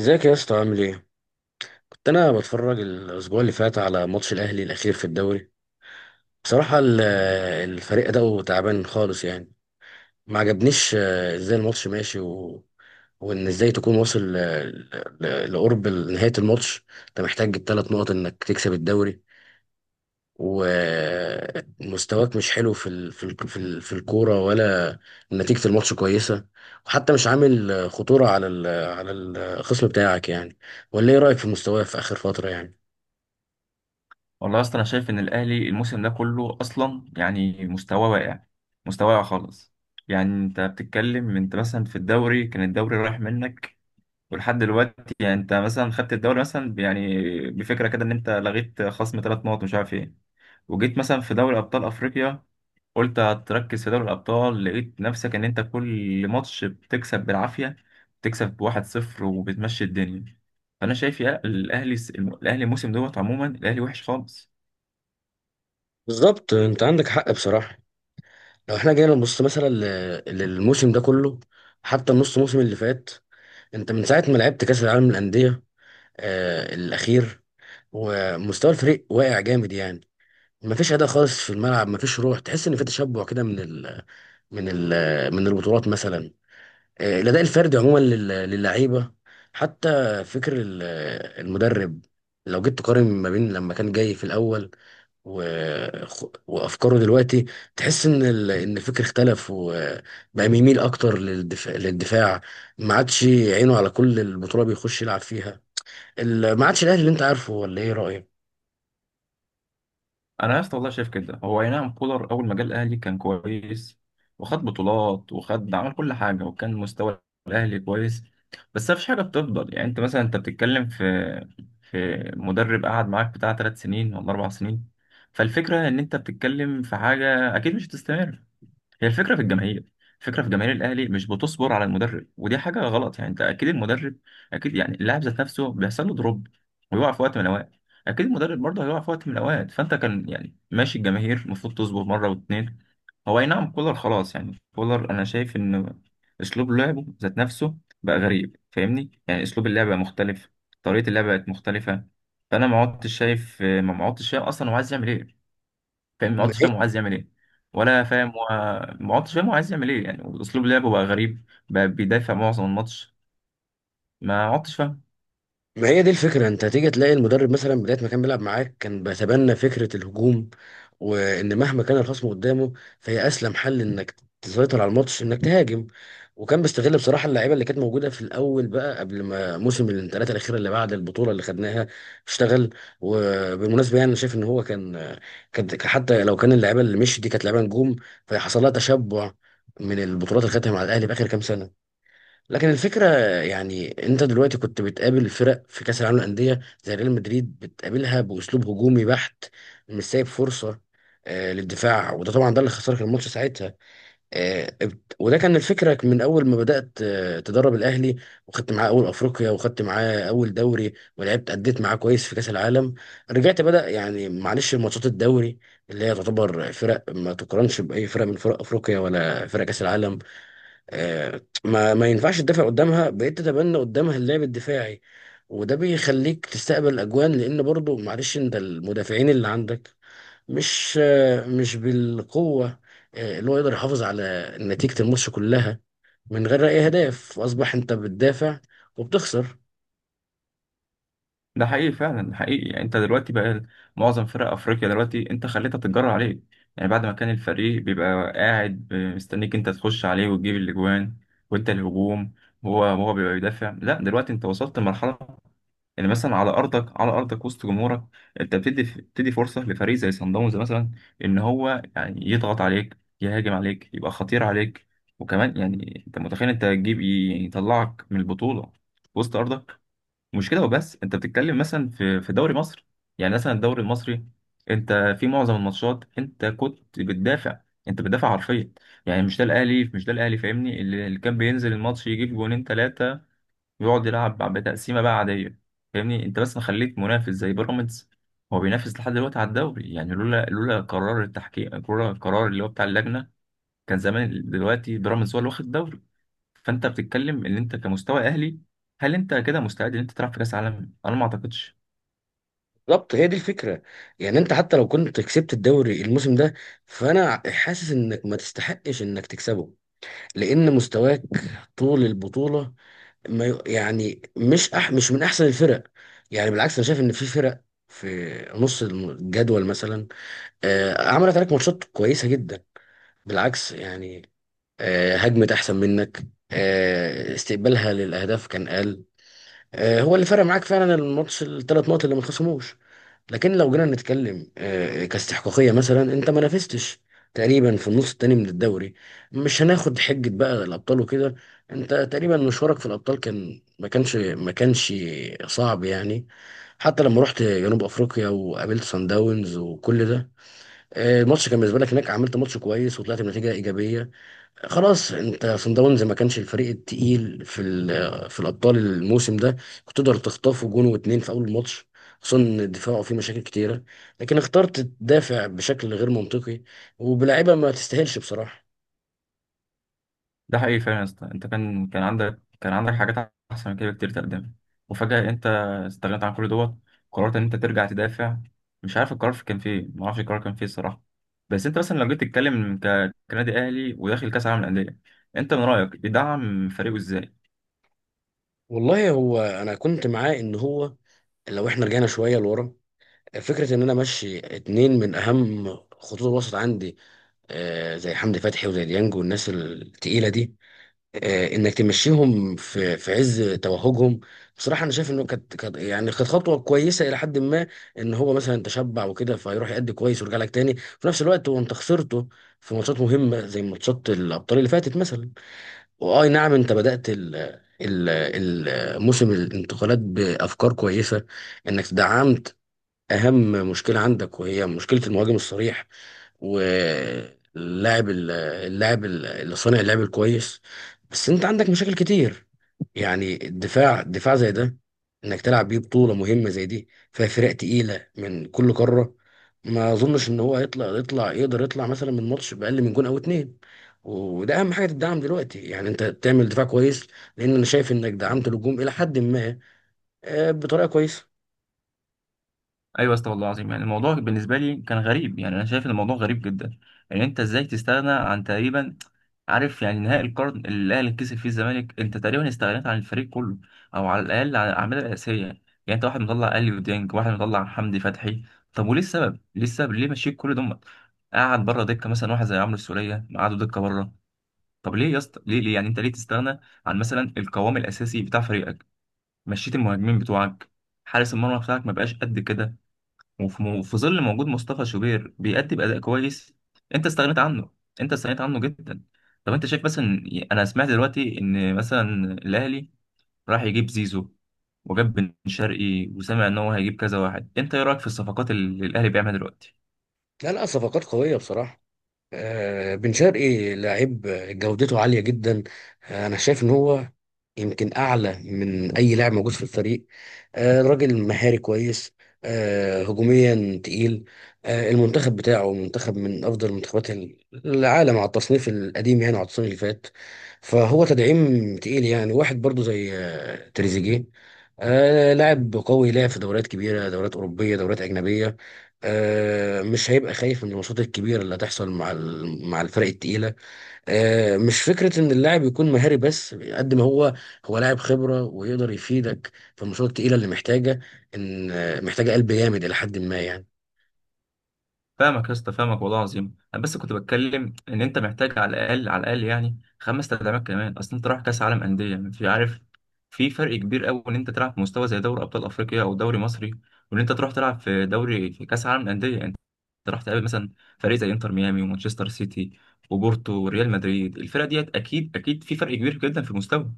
ازيك يا اسطى؟ عامل ايه؟ كنت انا بتفرج الاسبوع اللي فات على ماتش الاهلي الاخير في الدوري. بصراحة الفريق ده تعبان خالص يعني. ما عجبنيش، ازاي الماتش ماشي، وان ازاي تكون واصل، لقرب نهاية الماتش. انت محتاج الثلاث نقط انك تكسب الدوري، ومستواك مش حلو في الكورة، ولا نتيجة الماتش كويسة. وحتى مش عامل خطورة على الخصم بتاعك يعني. ولا ايه رأيك في مستواه في آخر فترة يعني؟ والله اصلا انا شايف ان الاهلي الموسم ده كله اصلا يعني مستواه واقع. مستواه واقع خالص. يعني انت بتتكلم، انت مثلا في الدوري كان الدوري رايح منك. ولحد دلوقتي يعني انت مثلا خدت الدوري مثلا بفكره كده ان انت لغيت خصم 3 نقط مش عارف ايه. وجيت مثلا في دوري ابطال افريقيا، قلت هتركز في دوري الابطال، لقيت نفسك ان انت كل ماتش بتكسب بالعافيه. بتكسب بواحد صفر وبتمشي الدنيا. فانا شايف يا الاهلي، الاهلي الموسم دوت عموما الاهلي وحش خالص. بالظبط، انت عندك حق بصراحه. لو احنا جينا نبص مثلا للموسم ده كله، حتى النص موسم اللي فات. انت من ساعه ما لعبت كاس العالم للانديه الاخير، ومستوى الفريق واقع جامد يعني. مفيش اداء خالص في الملعب، مفيش روح. تحس ان في تشبع كده من ال من البطولات مثلا. الاداء الفردي عموما للعيبه حتى. فكر المدرب، لو جيت تقارن ما بين لما كان جاي في الاول و... وافكاره دلوقتي، تحس ان الفكر اختلف، وبقى بيميل اكتر للدفاع. ما عادش عينه على كل البطوله بيخش يلعب فيها. ما عادش الاهلي اللي انت عارفه، ولا ايه رايك؟ انا يا اسطى والله شايف كده، هو اي نعم كولر اول ما جه الاهلي كان كويس، وخد بطولات وخد عمل كل حاجه، وكان مستوى الاهلي كويس. بس مفيش حاجه بتفضل، يعني انت مثلا انت بتتكلم في مدرب قعد معاك بتاع 3 سنين ولا 4 سنين. فالفكره ان انت بتتكلم في حاجه اكيد مش هتستمر. هي الفكرة في الجماهير، الفكرة في جماهير الأهلي مش بتصبر على المدرب، ودي حاجة غلط. يعني أنت أكيد المدرب، أكيد يعني اللاعب ذات نفسه بيحصل له دروب، ويقع في وقت من الأوقات. أكيد المدرب برضه هيقع في وقت من الأوقات، فأنت كان يعني ماشي، الجماهير المفروض تصبر مرة واتنين. هو أي نعم كولر خلاص، يعني كولر أنا شايف إن أسلوب لعبه ذات نفسه بقى غريب. فاهمني؟ يعني أسلوب اللعب بقى مختلف، طريقة اللعب بقت مختلفة. فأنا ما عدتش شايف، ما عدتش شايف أصلا هو عايز يعمل إيه. فاهم، ما عدتش فاهم هو عايز يعمل ايه، ولا فاهم هو، ما عدتش فاهم هو عايز يعمل ايه. يعني اسلوب لعبه بقى غريب، بقى بيدافع معظم الماتش، ما عدتش فاهم. ما هي دي الفكرة. انت تيجي تلاقي المدرب مثلا بداية ما كان بيلعب معاك كان بيتبنى فكرة الهجوم، وان مهما كان الخصم قدامه، فهي اسلم حل انك تسيطر على الماتش انك تهاجم. وكان بيستغل بصراحة اللعيبة اللي كانت موجودة في الأول، بقى قبل ما موسم الانتقالات الأخيرة اللي بعد البطولة اللي خدناها اشتغل. وبالمناسبة يعني أنا شايف إن هو كان، كان حتى لو كان اللعيبة اللي مشيت دي كانت لعيبة نجوم، فحصل لها تشبع من البطولات اللي خدتها مع الأهلي في آخر كام سنة. لكن الفكرة، يعني انت دلوقتي كنت بتقابل فرق في كأس العالم للأندية زي ريال مدريد بتقابلها بأسلوب هجومي بحت، مش سايب فرصة للدفاع. وده طبعا ده اللي خسرك الماتش ساعتها. وده كان الفكرة من أول ما بدأت تدرب الأهلي، وخدت معاه أول أفريقيا، وخدت معاه أول دوري، ولعبت أديت معاه كويس في كأس العالم. رجعت بدأ يعني معلش ماتشات الدوري، اللي هي تعتبر فرق ما تقارنش بأي فرق من فرق أفريقيا ولا فرق كأس العالم. ما ينفعش تدافع قدامها، بقيت تتبنى قدامها اللعب الدفاعي، وده بيخليك تستقبل اجوان. لان برضو معلش انت المدافعين اللي عندك مش، مش بالقوه، اللي هو يقدر يحافظ على نتيجه الماتش كلها من غير اي هدف، واصبح انت بتدافع وبتخسر. ده حقيقي فعلا، ده حقيقي. يعني انت دلوقتي بقى معظم فرق افريقيا دلوقتي انت خليتها تتجرى عليك. يعني بعد ما كان الفريق بيبقى قاعد مستنيك انت تخش عليه وتجيب الاجوان وانت الهجوم، وهو بيبقى بيدافع. لا، دلوقتي انت وصلت لمرحله يعني مثلا على ارضك، على ارضك وسط جمهورك، انت بتدي فرصه لفريق زي صن داونز مثلا ان هو يعني يضغط عليك، يهاجم عليك، يبقى خطير عليك. وكمان يعني انت متخيل انت تجيب، يطلعك من البطوله وسط ارضك. مش كده وبس، انت بتتكلم مثلا في دوري مصر، يعني مثلا الدوري المصري، انت في معظم الماتشات انت كنت بتدافع. انت بتدافع حرفيا. يعني مش ده الاهلي، مش ده الاهلي. فاهمني؟ اللي كان بينزل الماتش يجيب جونين ثلاثه، يقعد يلعب بتقسيمه بقى عاديه. فاهمني؟ انت بس مخليك منافس زي بيراميدز. هو بينافس لحد دلوقتي على الدوري، يعني لولا قرار التحكيم، لولا القرار اللي هو بتاع اللجنه كان زمان دلوقتي بيراميدز هو اللي واخد الدوري. فانت بتتكلم ان انت كمستوى اهلي، هل انت كده مستعد ان انت تلعب في كاس عالم؟ انا ما اعتقدش. بالظبط، هي دي الفكره. يعني انت حتى لو كنت كسبت الدوري الموسم ده، فانا حاسس انك ما تستحقش انك تكسبه. لان مستواك طول البطوله ما ي- يعني مش من احسن الفرق. يعني بالعكس، انا شايف ان في فرق في نص الجدول مثلا عملت عليك ماتشات كويسه جدا. بالعكس يعني، هجمت احسن منك، استقبالها للاهداف كان اقل. هو اللي فرق معاك فعلا الماتش الثلاث نقط اللي ما اتخصموش. لكن لو جينا نتكلم كاستحقاقيه مثلا انت ما نافستش تقريبا في النص التاني من الدوري. مش هناخد حجه بقى الابطال وكده. انت تقريبا مشوارك في الابطال كان، ما كانش صعب يعني. حتى لما رحت جنوب افريقيا وقابلت سان داونز وكل ده، الماتش كان بالنسبه لك هناك عملت ماتش كويس وطلعت بنتيجه ايجابيه. خلاص، انت صن داونز ما كانش الفريق التقيل في الابطال الموسم ده. كنت تقدر تخطفه جون واتنين في اول الماتش، خصوصا ان دفاعه فيه مشاكل كتيره. لكن اخترت تدافع بشكل غير منطقي، وبلاعيبه ما تستاهلش بصراحه. ده حقيقي فعلا يا اسطى، انت كان، كان عندك، كان عندك حاجات احسن من كده كتير تقدمها، وفجأة انت استغنيت عن كل دوت. قررت ان انت ترجع تدافع. مش عارف القرار كان فيه ايه، ما اعرفش القرار كان فيه الصراحة. بس انت مثلا لو جيت تتكلم كنادي اهلي وداخل كاس العالم للأندية، انت من رأيك يدعم فريقه ازاي؟ والله هو انا كنت معاه ان هو لو احنا رجعنا شويه لورا، فكره ان انا امشي اتنين من اهم خطوط الوسط عندي، زي حمدي فتحي وزي ديانج والناس التقيله دي، انك تمشيهم في عز توهجهم. بصراحه انا شايف انه يعني كانت خطوه كويسه الى حد ما. ان هو مثلا تشبع وكده فيروح يأدي كويس ويرجع لك تاني، في نفس الوقت وانت خسرته في ماتشات مهمه زي ماتشات الابطال اللي فاتت مثلا. واي نعم، انت بدأت ال- موسم الانتقالات بافكار كويسه، انك دعمت اهم مشكله عندك وهي مشكله المهاجم الصريح، واللاعب اللي صانع اللعب الكويس. بس انت عندك مشاكل كتير. يعني الدفاع، دفاع زي ده، انك تلعب بيه بطوله مهمه زي دي فيها فرق تقيله من كل قاره، ما اظنش ان هو يطلع يطلع يقدر يطلع مثلا من ماتش باقل من جون او اتنين. وده اهم حاجه تدعم دلوقتي، يعني انت تعمل دفاع كويس، لان انا شايف انك دعمت الهجوم الى حد ما بطريقه كويسه. ايوه يا اسطى والله العظيم، يعني الموضوع بالنسبه لي كان غريب. يعني انا شايف ان الموضوع غريب جدا. يعني انت ازاي تستغنى عن تقريبا، عارف، يعني نهائي القرن اللي الاهلي كسب فيه الزمالك انت تقريبا استغنيت عن الفريق كله، او على الاقل عن الاعمال الاساسيه. يعني انت واحد مطلع اليو ديانج، واحد مطلع حمدي فتحي. طب وليه السبب؟ ليه السبب؟ ليه مشيت كل دمت؟ قعد بره دكه مثلا واحد زي عمرو السوليه، قعدوا دكه بره. طب ليه يا اسطى؟ ليه ليه يعني؟ انت ليه تستغنى عن مثلا القوام الاساسي بتاع فريقك؟ مشيت المهاجمين بتوعك. حارس المرمى بتاعك ما بقاش قد كده، وفي ظل موجود مصطفى شوبير بيأدي بأداء كويس انت استغنيت عنه. انت استغنيت عنه جدا. طب انت شايف مثلا، انا سمعت دلوقتي ان مثلا الاهلي راح يجيب زيزو، وجاب بن شرقي، وسمع ان هو هيجيب كذا واحد. انت ايه رايك في الصفقات اللي الاهلي بيعملها دلوقتي؟ لا، لا، صفقات قويه بصراحه. بن شرقي لعيب، جودته عالية جدا. أنا شايف إن هو يمكن أعلى من أي لاعب موجود في الفريق. راجل مهاري كويس، هجوميا تقيل. المنتخب بتاعه منتخب من أفضل منتخبات العالم على التصنيف القديم، يعني على التصنيف اللي فات. فهو تدعيم تقيل. يعني واحد برضو زي تريزيجيه، لاعب قوي لعب في دوريات كبيرة، دوريات أوروبية، دوريات أجنبية. مش هيبقى خايف من الماتشات الكبيره اللي هتحصل مع مع الفرق التقيله. مش فكره ان اللاعب يكون مهاري بس، قد ما هو، هو لاعب خبره ويقدر يفيدك في الماتشات التقيله اللي محتاجه ان، محتاجه قلب جامد الى حد ما يعني. فاهمك يا اسطى، فاهمك والله العظيم. انا بس كنت بتكلم ان انت محتاج على الاقل، على الاقل يعني 5 تدعيمات كمان، اصل انت رايح كاس عالم انديه يعني، في عارف، في فرق كبير قوي ان انت تلعب في مستوى زي دوري ابطال افريقيا او دوري مصري، وان انت تروح تلعب في دوري في كاس عالم انديه يعني. انت راح تقابل مثلا فريق زي انتر ميامي ومانشستر سيتي وبورتو وريال مدريد. الفرق ديت اكيد، اكيد في فرق كبير جدا في المستوى.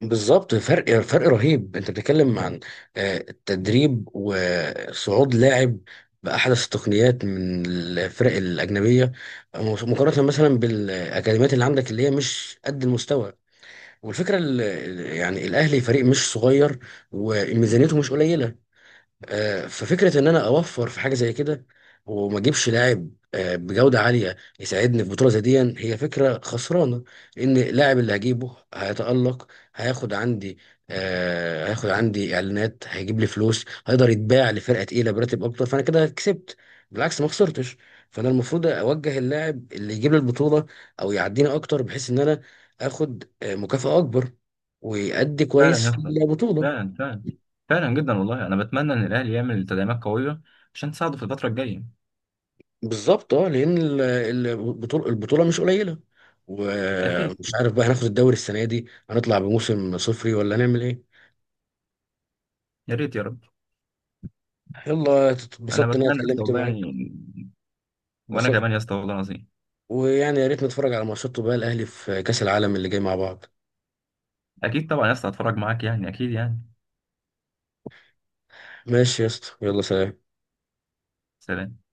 بالظبط، فرق رهيب. انت بتتكلم عن التدريب وصعود لاعب بأحدث التقنيات من الفرق الأجنبية، مقارنة مثلا بالأكاديميات اللي عندك اللي هي مش قد المستوى. والفكره، يعني الاهلي فريق مش صغير، وميزانيته مش قليله. ففكره ان انا اوفر في حاجه زي كده وما اجيبش لاعب بجوده عاليه يساعدني في بطوله زي دي، هي فكره خسرانه. ان اللاعب اللي هجيبه هيتالق، هياخد عندي، هياخد عندي اعلانات، هيجيب لي فلوس، هيقدر يتباع لفرقه تقيله براتب اكتر، فانا كده كسبت، بالعكس ما خسرتش. فانا المفروض اوجه اللاعب اللي يجيب لي البطوله او يعديني اكتر، بحيث ان انا اخد مكافاه اكبر، ويأدي كويس فعلا يا في اسطى، البطوله. فعلا فعلا، فعلا جدا والله. انا بتمنى ان الاهلي يعمل تدعيمات قويه عشان تساعده في الفتره الجايه. بالظبط، اه، لان البطوله مش قليله. ومش اكيد، عارف بقى، هناخد الدوري السنه دي، هنطلع بموسم صفري، ولا هنعمل ايه؟ يا ريت يا رب. يلا، انا اتبسطت ان انا بتمنى يا اسطى اتكلمت والله معاك. يعني. وانا بسط... كمان يا اسطى والله العظيم. ويعني يا ريت نتفرج على ماتشات بقى الاهلي في كاس العالم اللي جاي مع بعض. اكيد طبعا يا اسطى، هتفرج معاك يعني، اكيد يعني. ماشي يا اسطى، يلا، سلام. سلام.